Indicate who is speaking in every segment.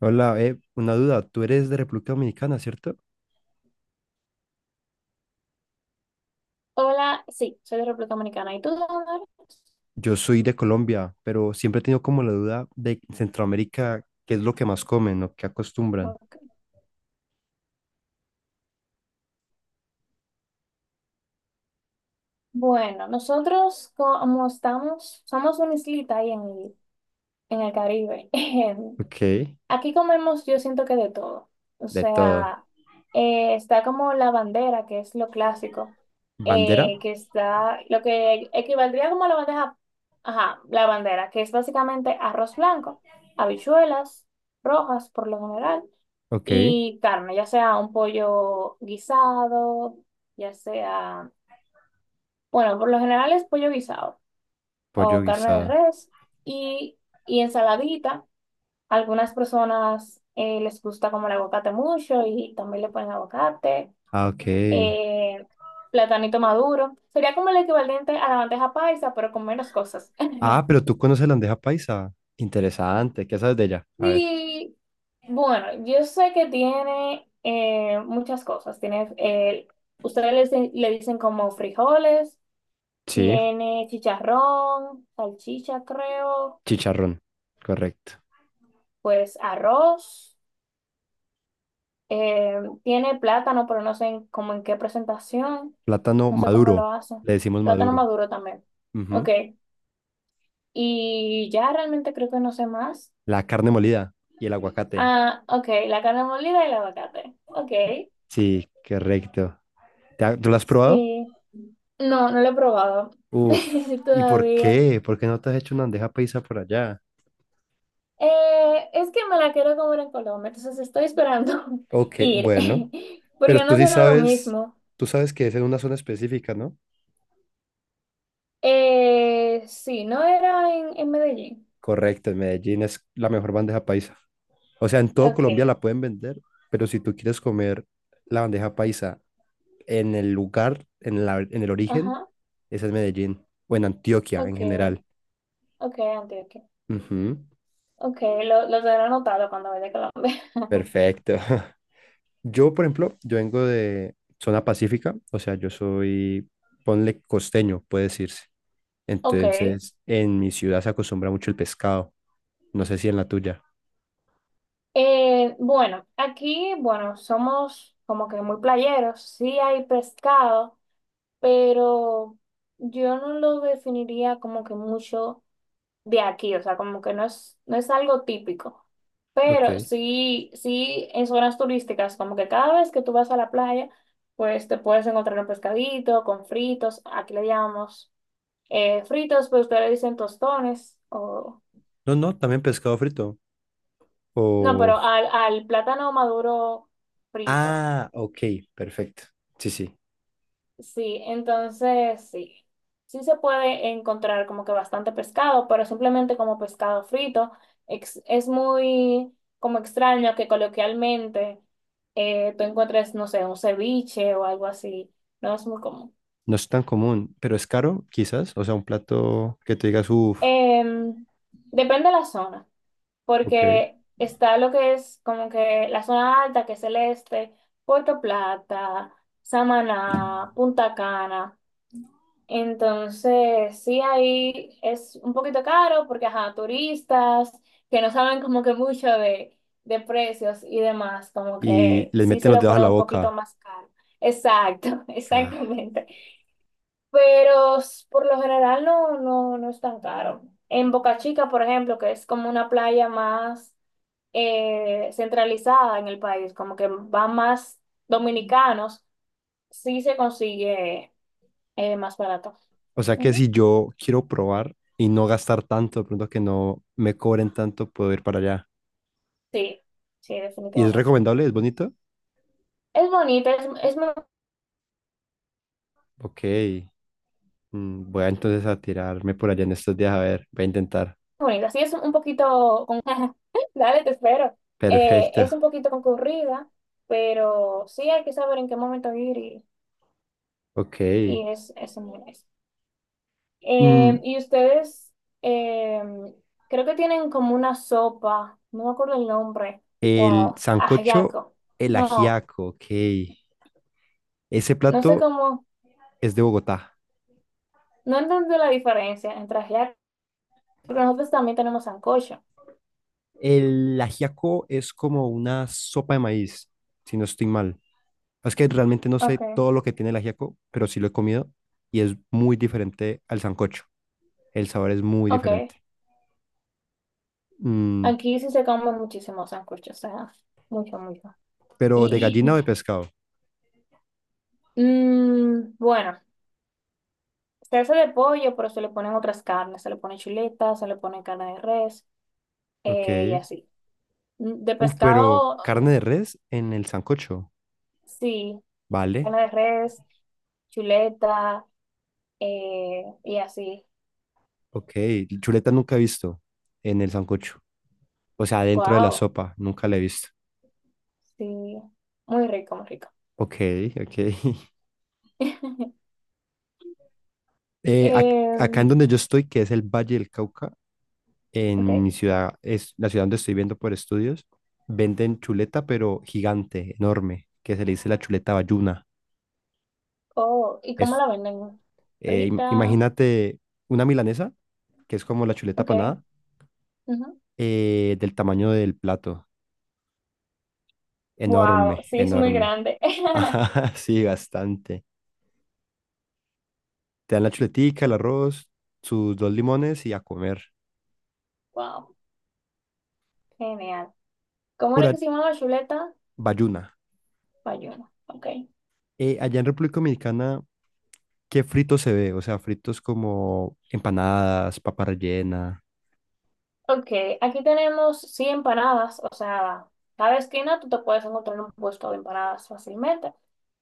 Speaker 1: Hola, una duda. Tú eres de República Dominicana, ¿cierto?
Speaker 2: Hola, sí, soy de República Dominicana. ¿Y tú de dónde eres?
Speaker 1: Yo soy de Colombia, pero siempre he tenido como la duda de Centroamérica, ¿qué es lo que más comen o qué acostumbran?
Speaker 2: Ok. Bueno, nosotros como estamos, somos una islita ahí en el Caribe.
Speaker 1: Ok,
Speaker 2: Aquí comemos, yo siento que de todo. O
Speaker 1: de todo.
Speaker 2: sea, está como la bandera, que es lo clásico,
Speaker 1: ¿Bandera?
Speaker 2: que está lo que equivaldría como a la bandeja, ajá, la bandera, que es básicamente arroz blanco, habichuelas rojas por lo general.
Speaker 1: Ok,
Speaker 2: Y carne, ya sea un pollo guisado, ya sea, bueno, por lo general es pollo guisado
Speaker 1: pollo
Speaker 2: o carne de
Speaker 1: guisado.
Speaker 2: res y, y ensaladita. Algunas personas les gusta como el aguacate mucho y también le ponen aguacate,
Speaker 1: Ah, ok.
Speaker 2: eh, platanito maduro. Sería como el equivalente a la bandeja paisa, pero con menos cosas.
Speaker 1: Ah, pero tú conoces la bandeja paisa. Interesante, ¿qué sabes de ella? A ver.
Speaker 2: Sí, bueno, yo sé que tiene muchas cosas. Tiene, ustedes le dicen como frijoles,
Speaker 1: Sí,
Speaker 2: tiene chicharrón, salchicha, creo,
Speaker 1: chicharrón, correcto.
Speaker 2: pues arroz, tiene plátano, pero no sé en- como en qué presentación,
Speaker 1: Plátano
Speaker 2: no sé cómo
Speaker 1: maduro,
Speaker 2: lo hacen.
Speaker 1: le decimos
Speaker 2: Plátano
Speaker 1: maduro.
Speaker 2: maduro también. Ok,
Speaker 1: Ujú.
Speaker 2: y ya realmente creo que no sé más.
Speaker 1: La carne molida y el aguacate.
Speaker 2: Ah, ok, la carne molida y el aguacate. Ok,
Speaker 1: Sí, correcto. ¿Tú lo has probado?
Speaker 2: sí. No, no lo he probado
Speaker 1: Uf, ¿y por
Speaker 2: todavía.
Speaker 1: qué? ¿Por qué no te has hecho una bandeja paisa por allá?
Speaker 2: Es que me la quiero comer en Colombia, entonces estoy esperando
Speaker 1: Ok,
Speaker 2: ir,
Speaker 1: bueno, pero
Speaker 2: porque
Speaker 1: tú
Speaker 2: no
Speaker 1: sí
Speaker 2: será lo
Speaker 1: sabes,
Speaker 2: mismo.
Speaker 1: tú sabes que es en una zona específica, ¿no?
Speaker 2: Sí, no era en Medellín.
Speaker 1: Correcto, en Medellín es la mejor bandeja paisa. O sea, en todo Colombia
Speaker 2: Okay,
Speaker 1: la pueden vender, pero si tú quieres comer la bandeja paisa en el lugar, en el origen,
Speaker 2: ajá,
Speaker 1: es en Medellín o en Antioquia en
Speaker 2: okay.
Speaker 1: general.
Speaker 2: Okay Andy, ok, Antioquia.
Speaker 1: Ujú,
Speaker 2: Okay, lo tendré anotado cuando vaya a Colombia.
Speaker 1: perfecto. Yo, por ejemplo, yo vengo de zona pacífica, o sea, yo soy, ponle costeño, puede decirse.
Speaker 2: Okay,
Speaker 1: Entonces, en mi ciudad se acostumbra mucho el pescado. No sé si en la tuya.
Speaker 2: bueno, aquí, bueno, somos como que muy playeros, sí hay pescado. Pero yo no lo definiría como que mucho de aquí, o sea, como que no es algo típico. Pero
Speaker 1: Ok.
Speaker 2: sí, sí, en zonas turísticas, como que cada vez que tú vas a la playa, pues te puedes encontrar un pescadito con fritos, aquí le llamamos fritos, pero ustedes le dicen tostones, o...
Speaker 1: No, no, también pescado frito.
Speaker 2: No,
Speaker 1: O...
Speaker 2: pero al plátano maduro frito.
Speaker 1: Ah, ok, perfecto. Sí, sí.
Speaker 2: Sí, entonces sí, sí se puede encontrar como que bastante pescado, pero simplemente como pescado frito. Es muy como extraño que coloquialmente tú encuentres, no sé, un ceviche o algo así. No es muy común.
Speaker 1: No es tan común, pero es caro, quizás. O sea, un plato que te digas, uff,
Speaker 2: Em, Depende de la zona,
Speaker 1: ok.
Speaker 2: porque está lo que es como que la zona alta, que es el este, Puerto Plata, Samaná, Punta Cana. Entonces, sí, ahí es un poquito caro porque, ajá, turistas que no saben como que mucho de precios y demás, como
Speaker 1: Y
Speaker 2: que
Speaker 1: les
Speaker 2: sí
Speaker 1: meten
Speaker 2: se
Speaker 1: los
Speaker 2: lo
Speaker 1: dedos a
Speaker 2: ponen
Speaker 1: la
Speaker 2: un poquito
Speaker 1: boca.
Speaker 2: más caro. Exacto,
Speaker 1: Ah,
Speaker 2: exactamente. Pero por lo general no, no, no es tan caro. En Boca Chica, por ejemplo, que es como una playa más centralizada en el país, como que van más dominicanos, sí se consigue más barato.
Speaker 1: o sea que si yo quiero probar y no gastar tanto, de pronto que no me cobren tanto, puedo ir para allá.
Speaker 2: Sí, sí,
Speaker 1: ¿Y es
Speaker 2: definitivamente.
Speaker 1: recomendable? ¿Es bonito?
Speaker 2: Es bonita, es muy
Speaker 1: Ok. Voy a entonces a tirarme por allá en estos días, a ver, voy a intentar.
Speaker 2: bonita. Sí, es un poquito con... Dale, te espero. Es un
Speaker 1: Perfecto.
Speaker 2: poquito concurrida, pero sí hay que saber en qué momento ir
Speaker 1: Ok.
Speaker 2: y es muy nice. Eh,
Speaker 1: Mm,
Speaker 2: y ustedes, eh, creo que tienen como una sopa, no me acuerdo el nombre,
Speaker 1: el
Speaker 2: wow,
Speaker 1: sancocho,
Speaker 2: ajiaco.
Speaker 1: el
Speaker 2: No,
Speaker 1: ajiaco, ok. Ese
Speaker 2: no sé
Speaker 1: plato
Speaker 2: cómo,
Speaker 1: es de Bogotá.
Speaker 2: no entiendo la diferencia entre ajiaco, porque nosotros también tenemos sancocho.
Speaker 1: El ajiaco es como una sopa de maíz, si no estoy mal. Es que realmente no sé
Speaker 2: Okay.
Speaker 1: todo lo que tiene el ajiaco, pero sí lo he comido y es muy diferente al sancocho. El sabor es muy
Speaker 2: Ok,
Speaker 1: diferente. Mm,
Speaker 2: aquí sí se comen muchísimos sándwiches, o sea, mucho, mucho.
Speaker 1: pero de gallina
Speaker 2: Y
Speaker 1: o de pescado.
Speaker 2: bueno, se hace de pollo, pero se le ponen otras carnes, se le pone chuleta, se le pone carne de res
Speaker 1: Ok.
Speaker 2: y así. De
Speaker 1: Uf, pero
Speaker 2: pescado,
Speaker 1: carne
Speaker 2: no.
Speaker 1: de res en el sancocho.
Speaker 2: Sí, carne
Speaker 1: Vale.
Speaker 2: de res, chuleta y así.
Speaker 1: Ok. Chuleta nunca he visto en el sancocho. O sea, dentro de la
Speaker 2: Wow,
Speaker 1: sopa, nunca la he visto.
Speaker 2: sí, muy rico, muy rico.
Speaker 1: Ok, ok. Acá
Speaker 2: Em,
Speaker 1: en donde yo estoy, que es el Valle del Cauca, en
Speaker 2: ok.
Speaker 1: mi ciudad, es la ciudad donde estoy viendo por estudios, venden chuleta, pero gigante, enorme, que se le dice la chuleta bayuna.
Speaker 2: Oh, ¿y cómo
Speaker 1: Es,
Speaker 2: la venden? Frita,
Speaker 1: imagínate una milanesa, que es como la chuleta
Speaker 2: ok.
Speaker 1: panada,
Speaker 2: Ujú.
Speaker 1: del tamaño del plato.
Speaker 2: Wow,
Speaker 1: Enorme,
Speaker 2: sí, es muy
Speaker 1: enorme.
Speaker 2: grande.
Speaker 1: Ajá, sí, bastante. Te dan la chuletica, el arroz, sus dos limones y a comer.
Speaker 2: Wow, genial. ¿Cómo era
Speaker 1: Pura
Speaker 2: que se llamaba chuleta?
Speaker 1: bayuna.
Speaker 2: Bayuna. Ok.
Speaker 1: Allá en República Dominicana, ¿qué frito se ve? O sea, fritos como empanadas, papa rellena.
Speaker 2: Ok, aquí tenemos sí empanadas, o sea, cada esquina tú te puedes encontrar un puesto de empanadas fácilmente.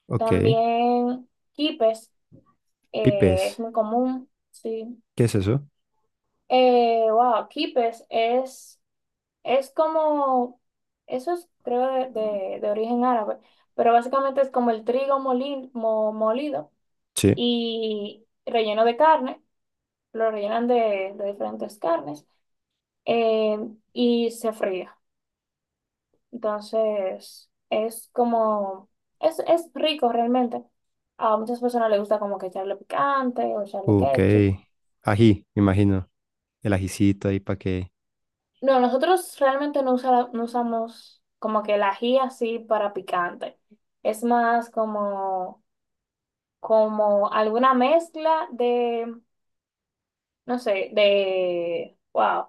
Speaker 1: Ok.
Speaker 2: También quipes,
Speaker 1: Pipes.
Speaker 2: es muy común, sí.
Speaker 1: ¿Qué es eso?
Speaker 2: Wow, quipes es como, eso es creo de origen árabe, pero básicamente es como el molido
Speaker 1: Sí.
Speaker 2: y relleno de carne, lo rellenan de diferentes carnes eh, y se fría. Entonces, es como, es rico realmente. A muchas personas les gusta como que echarle picante o echarle
Speaker 1: Ok.
Speaker 2: ketchup.
Speaker 1: Ají, me imagino. El ajicito ahí para que...
Speaker 2: No, nosotros realmente no, no usamos como que el ají así para picante. Es más como, como alguna mezcla de, no sé, de, wow.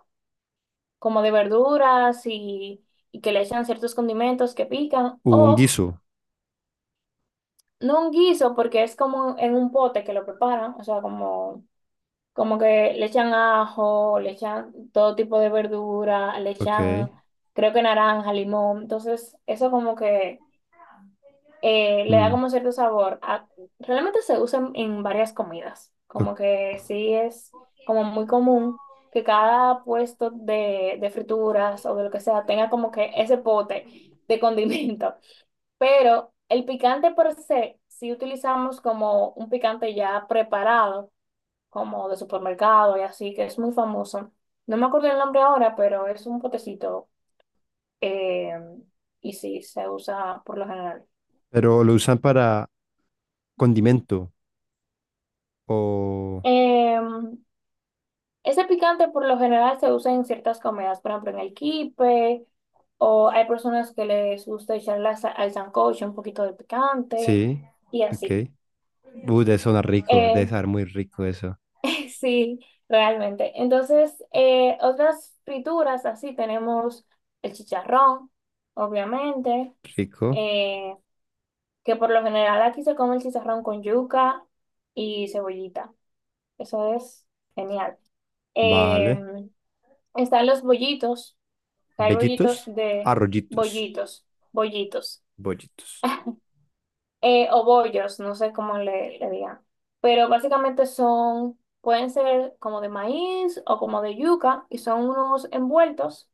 Speaker 2: Como de verduras y que le echan ciertos condimentos que pican,
Speaker 1: Un
Speaker 2: o
Speaker 1: guiso.
Speaker 2: no un guiso porque es como en un pote que lo preparan, o sea, como, como que le echan ajo, le echan todo tipo de verdura, le
Speaker 1: Ok.
Speaker 2: echan creo que naranja, limón, entonces eso como que le da
Speaker 1: Mm,
Speaker 2: como cierto sabor. Realmente se usa en varias comidas,
Speaker 1: ok.
Speaker 2: como que sí es como muy común que cada puesto de frituras o de lo que sea tenga como que ese pote de condimento. Pero el picante per se, si utilizamos como un picante ya preparado, como de supermercado y así, que es muy famoso. No me acuerdo el nombre ahora, pero es un potecito eh, y sí, se usa por lo general.
Speaker 1: Pero lo usan para condimento. O...
Speaker 2: Em, Ese picante por lo general se usa en ciertas comidas, por ejemplo en el quipe, o hay personas que les gusta echarle al sancocho un poquito de picante
Speaker 1: Sí.
Speaker 2: y
Speaker 1: Ok.
Speaker 2: así.
Speaker 1: Debe sonar rico.
Speaker 2: Eh,
Speaker 1: Debe sonar muy rico eso.
Speaker 2: sí, realmente. Entonces, otras frituras así tenemos el chicharrón, obviamente,
Speaker 1: Rico.
Speaker 2: eh, que por lo general aquí se come el chicharrón con yuca y cebollita. Eso es genial.
Speaker 1: Vale.
Speaker 2: Em, Están los bollitos. Hay
Speaker 1: Bellitos.
Speaker 2: bollitos de
Speaker 1: Arrollitos.
Speaker 2: bollitos, bollitos,
Speaker 1: Bollitos.
Speaker 2: o bollos, no sé cómo le digan. Pero básicamente son, pueden ser como de maíz o como de yuca y son unos envueltos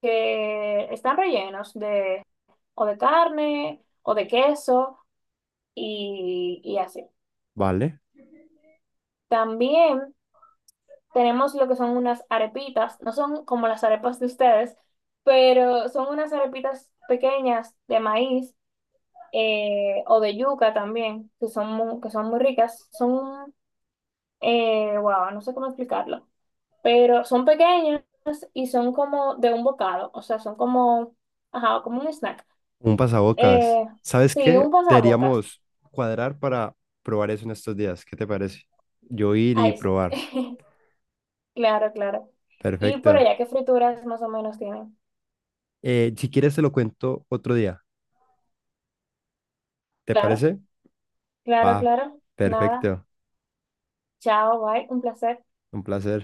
Speaker 2: que están rellenos de o de carne o de queso y así.
Speaker 1: Vale.
Speaker 2: También tenemos lo que son unas arepitas, no son como las arepas de ustedes, pero son unas arepitas pequeñas de maíz o de yuca también, que son muy ricas. Son, wow, no sé cómo explicarlo, pero son pequeñas y son como de un bocado, o sea, son como, ajá, como un snack.
Speaker 1: Un pasabocas.
Speaker 2: Eh,
Speaker 1: ¿Sabes
Speaker 2: sí,
Speaker 1: qué?
Speaker 2: un pasabocas.
Speaker 1: Deberíamos cuadrar para probar eso en estos días. ¿Qué te parece? Yo ir y
Speaker 2: Ahí sí.
Speaker 1: probar.
Speaker 2: Claro, claro. Y por
Speaker 1: Perfecto.
Speaker 2: allá, ¿qué frituras más o menos tienen?
Speaker 1: Si quieres, te lo cuento otro día. ¿Te
Speaker 2: Claro,
Speaker 1: parece?
Speaker 2: claro,
Speaker 1: Va.
Speaker 2: claro. Nada.
Speaker 1: Perfecto.
Speaker 2: Chao, bye. Un placer.
Speaker 1: Un placer.